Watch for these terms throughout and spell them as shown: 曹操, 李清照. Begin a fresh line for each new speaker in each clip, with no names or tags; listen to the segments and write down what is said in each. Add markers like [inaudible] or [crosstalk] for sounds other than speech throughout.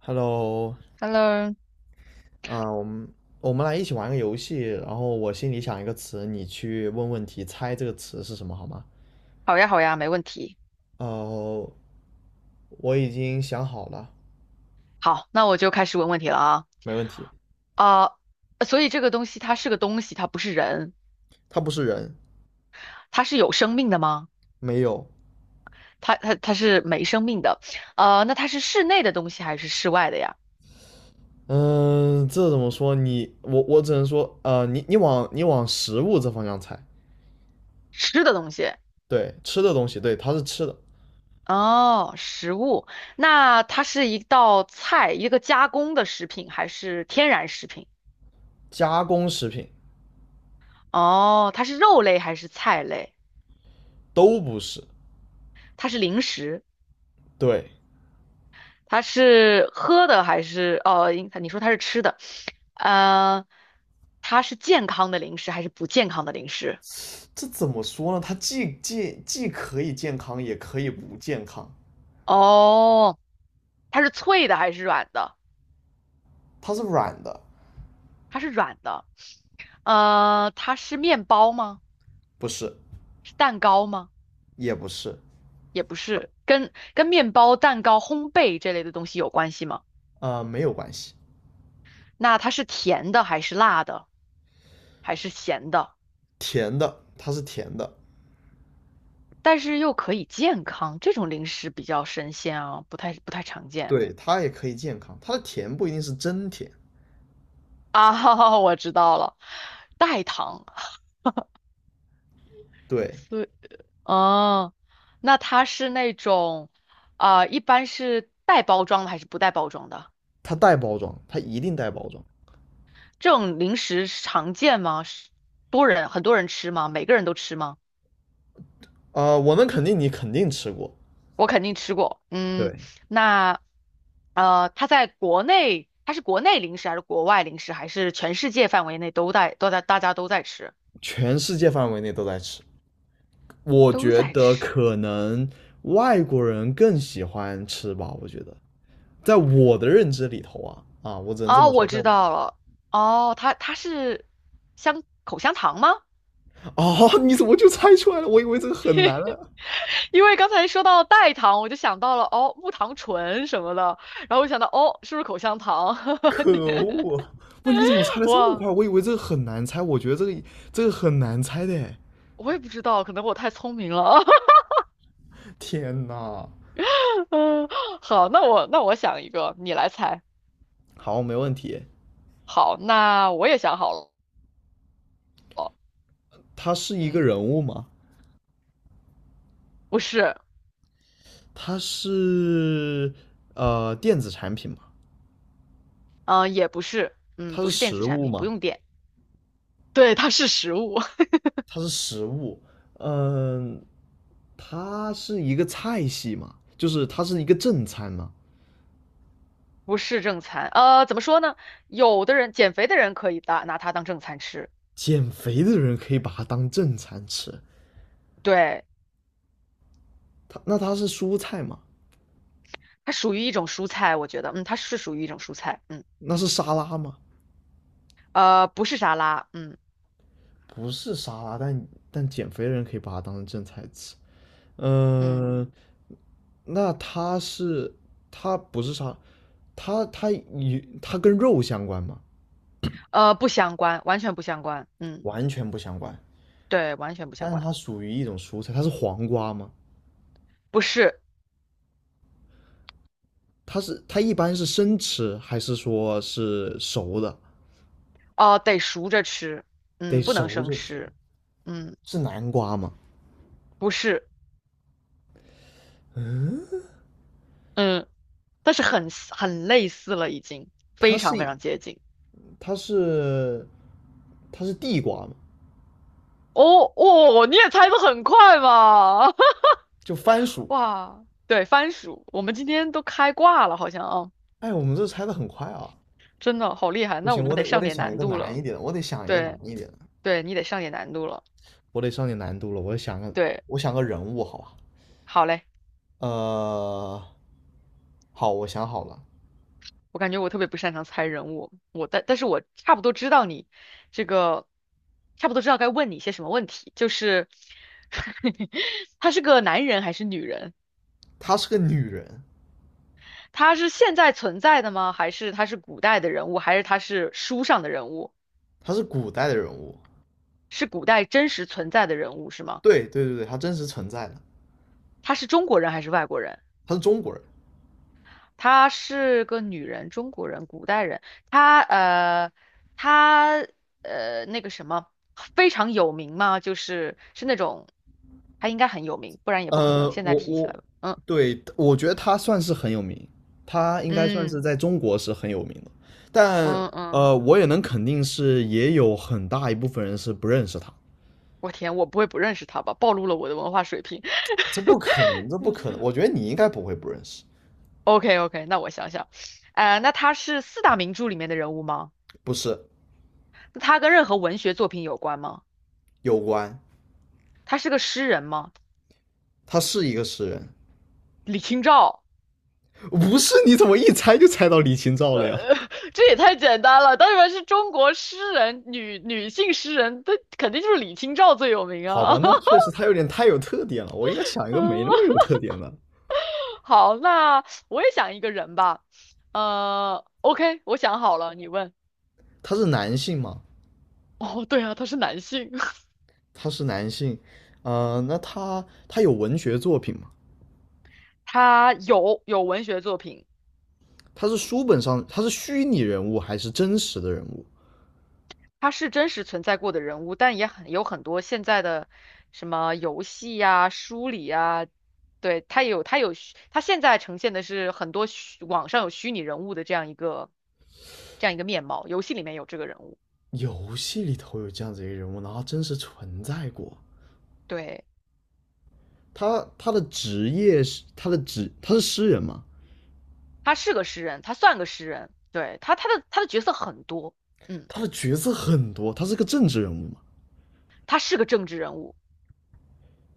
Hello,
Hello，
啊、我们我们来一起玩个游戏，然后我心里想一个词，你去问问题，猜这个词是什么，好吗？
好呀，好呀，没问题。
呃，我已经想好了，
好，那我就开始问问题了啊。
没问题。
啊、所以这个东西它是个东西，它不是人，
它不是人，
它是有生命的吗？
没有。
它是没生命的。那它是室内的东西还是室外的呀？
嗯、这怎么说？我只能说，你往食物这方向猜，
吃的东西。
对，吃的东西，对，它是吃的，
哦，食物。那它是一道菜，一个加工的食品还是天然食品？
加工食品
哦，它是肉类还是菜类？
都不是，
它是零食。
对。
它是喝的还是哦？应你说它是吃的，呃，它是健康的零食还是不健康的零食？
这怎么说呢？它既可以健康，也可以不健康，
哦，它是脆的还是软的？
它是软的。
它是软的。它是面包吗？
不是，
是蛋糕吗？
也不是，
也不是，跟面包、蛋糕、烘焙这类的东西有关系吗？
啊，没有关系。
那它是甜的还是辣的还是咸的？
甜的，它是甜的，
但是又可以健康，这种零食比较神仙啊，不太常见。
对，它也可以健康。它的甜不一定是真甜，
啊，[laughs] 我知道了，代糖，
对，
所哦，那它是那种，一般是带包装的还是不带包装的？
它带包装，它一定带包装。
这种零食常见吗？是多人很多人吃吗？每个人都吃吗？
我能肯定你肯定吃过，
我肯定吃过。嗯，
对，
那它在国内，它是国内零食还是国外零食，还是全世界范围内都在都在大家都在吃，
全世界范围内都在吃。我
都
觉
在
得
吃？
可能外国人更喜欢吃吧，我觉得，在我的认知里头啊，啊，我只能这
哦，
么
我
说，在
知
我
道了。哦，它是口香糖吗？
哦，你怎么就猜出来了？我以为这个很难啊。
[laughs] 因为刚才说到代糖，我就想到了哦，木糖醇什么的，然后我想到哦，是不是口香糖？
可恶！不，你怎么猜
[laughs]
的这么快？
哇，
我以为这个很难猜，我觉得这个这个很难猜的。
我也不知道，可能我太聪明了。
天哪！
[laughs] 嗯，好，那我想一个，你来猜。
好，没问题。
好，那我也想好了。
它是一个
嗯，
人物吗？
不是，
它是电子产品吗？
嗯、也不是，嗯，
它
不
是
是电子
食
产
物
品，不
吗？
用电。对，它是食物。[laughs]
它是食物。嗯，它是一个菜系吗？就是它是一个正餐吗？
不是正餐，怎么说呢？有的人减肥的人可以拿它当正餐吃，
减肥的人可以把它当正餐吃。
对，
那它是蔬菜吗？
它属于一种蔬菜，我觉得，它是属于一种蔬菜，嗯，
那是沙拉吗？
不是沙拉，嗯
不是沙拉，但减肥的人可以把它当成正菜吃。
嗯，
嗯、那它是它不是沙，它跟肉相关吗？
不相关，完全不相关，嗯，
完全不相关。
对，完全不相
但是
关，
它属于一种蔬菜，它是黄瓜吗？
不是，
它是它一般是生吃还是说是熟的？
哦、得熟着吃，
得
嗯，不能
熟
生
着吃。
吃，嗯，
是南瓜吗？
不是，嗯，但是很类似了，已经
它
非常非
是
常接近，
它是它是地瓜吗？
哦哦，你也猜得很快嘛，[laughs]
就番薯。
哇，对，番薯，我们今天都开挂了，好像啊，
哎，我们这猜的很快啊。
真的好厉害。
不
那我
行，我
们得
得我
上
得
点
想一
难
个
度
难
了，
一点的，我得想一个难
对，
一点的，
对你得上点难度了，
我得上点难度了。
对，
我想个人物，好吧？
好嘞。
呃，好，我想好了，
我感觉我特别不擅长猜人物，我但是我差不多知道你这个，差不多知道该问你些什么问题，就是 [laughs] 他是个男人还是女人？
她是个女人，
他是现在存在的吗？还是他是古代的人物？还是他是书上的人物？
她是古代的人物，
是古代真实存在的人物是吗？
对对对对，她真实存在的，
他是中国人还是外国人？
她是中国人。
她是个女人，中国人，古代人。她呃，她那个什么，非常有名嘛，就是那种，她应该很有名，不然也不可
呃，
能现在
我
提起来
我
了。嗯
对我觉得她算是很有名，她应该算是
嗯
在中国是很有名的，但
嗯嗯，
我也能肯定是也有很大一部分人是不认识她。
我天，我不会不认识她吧？暴露了我的文化水平。[laughs]
这不可能，这不可能！我觉得你应该不会不认识，
OK OK，那我想想，那她是四大名著里面的人物吗？
不是？
那她跟任何文学作品有关吗？
有关，
她是个诗人吗？
他是一个诗人。
李清照。
不是，你怎么一猜就猜到李清照了呀？
呃，[laughs] 这也太简单了。当然是中国诗人，女性诗人，她肯定就是李清照最有
[laughs]
名
好吧，
啊。
那
[laughs]
确实他有点太有特点了，我应该想一个没
嗯，
那么有特点的。
好，那我也想一个人吧。OK，我想好了，你问。
他是男性嘛？
哦，对啊，他是男性，[laughs]
他是男性，那他有文学作品吗？
他有文学作品。
他是书本上他是虚拟人物还是真实的人物？
他是真实存在过的人物，但也很多现在的什么游戏呀、书里呀，对，他有他有虚他现在呈现的是很多网上有虚拟人物的这样一个面貌，游戏里面有这个人物，
游戏里头有这样子一个人物，然后真实存在过。
对，
他他的职业是他的职他是诗人嘛？
他是个诗人，他算个诗人，对，他的角色很多，嗯，
他的角色很多，他是个政治人物嘛？
他是个政治人物，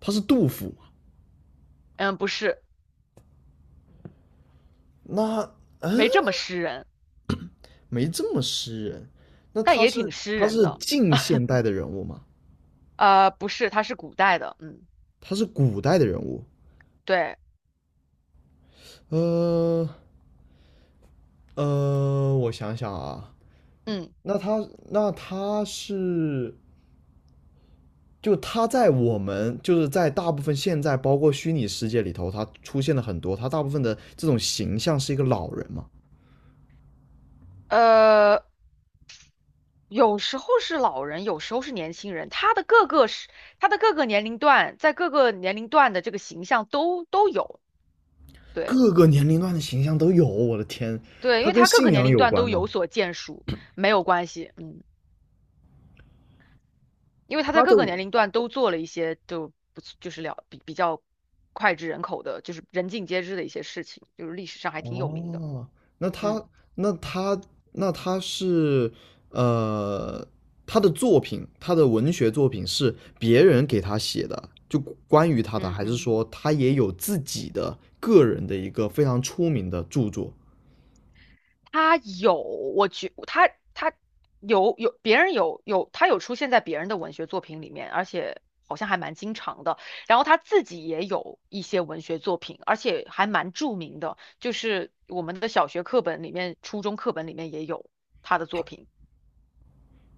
他是杜甫
嗯，不是，
那嗯，
没这么诗人，
没这么诗人。那
但
他
也挺
是
诗
他
人
是
的，
近现代的人物吗？
不是，他是古代的，嗯，
他是古代的人物？
对，
呃我想想啊，
嗯。
那他那他是就他在我们就是在大部分现在包括虚拟世界里头，他出现了很多，他大部分的这种形象是一个老人嘛，
呃，有时候是老人，有时候是年轻人，他的各个年龄段，在各个年龄段的这个形象都有，对
各个年龄段的形象都有。我的天，
对，因
他
为
跟
他各个
信
年
仰
龄
有
段
关
都有
吗？
所建树，没有关系，嗯，因为他在
他
各
的
个年龄段都做了一些就不就是了比较脍炙人口的，就是人尽皆知的一些事情，就是历史上还挺有名的，
哦，那
嗯
他那他那他是呃，他的作品，他的文学作品是别人给他写的，就关于他的，
嗯
还是
嗯。
说他也有自己的个人的一个非常出名的著作？
他有，我觉他他有有别人有有他有出现在别人的文学作品里面，而且好像还蛮经常的。然后他自己也有一些文学作品，而且还蛮著名的，就是我们的小学课本里面、初中课本里面也有他的作品，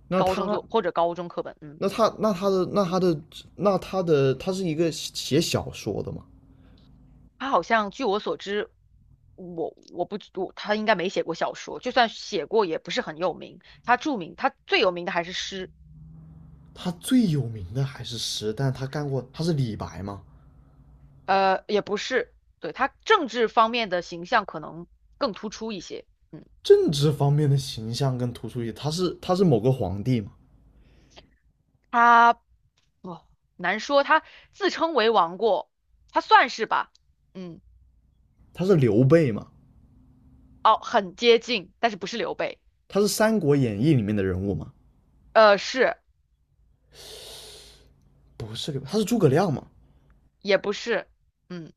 那
高中
他
作或者高中课本，嗯，
那他那他的那他的那他是一个写小说的吗？
他好像据我所知。我我不我他应该没写过小说，就算写过也不是很有名。他著名，他最有名的还是诗。
他最有名的还是诗，但他干过，他是李白吗？
也不是，对，他政治方面的形象可能更突出一些。嗯，
政治方面的形象更突出一些，他是某个皇帝吗？
他哦，难说，他自称为王过，他算是吧。嗯，
他是刘备吗？
哦，很接近，但是不是刘备。
他是《三国演义》里面的人物吗？
是，
不是刘备，他是诸葛亮吗？
也不是。嗯，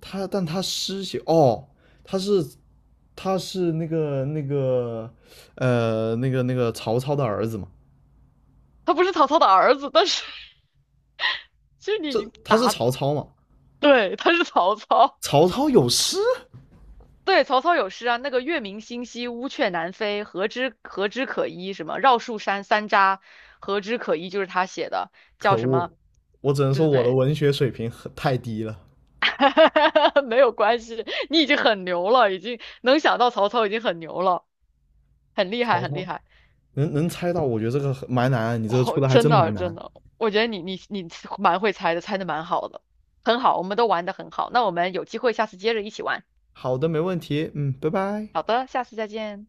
他但他诗写哦，他是他是曹操的儿子嘛？
他不是曹操的儿子，但是 [laughs] 其实你已
这
经
他是
答
曹操嘛？
对，他是曹操。
曹操有诗？
对，曹操有诗啊，那个月明星稀，乌鹊南飞，何枝可依？什么绕树山三匝，何枝可依？就是他写的，叫
可
什
恶，
么？
我只能说
对
我的
对
文学水平很太低了。
对，[laughs] 没有关系，你已经很牛了，已经能想到曹操已经很牛了，很厉害，
曹
很厉
操
害。
能猜到，我觉得这个很蛮难，你这个出
哦，
的还
真
真
的
蛮
真
难。
的，我觉得你蛮会猜的，猜的蛮好的，很好，我们都玩的很好。那我们有机会下次接着一起玩。
好的，没问题，嗯，拜拜。
好的，下次再见。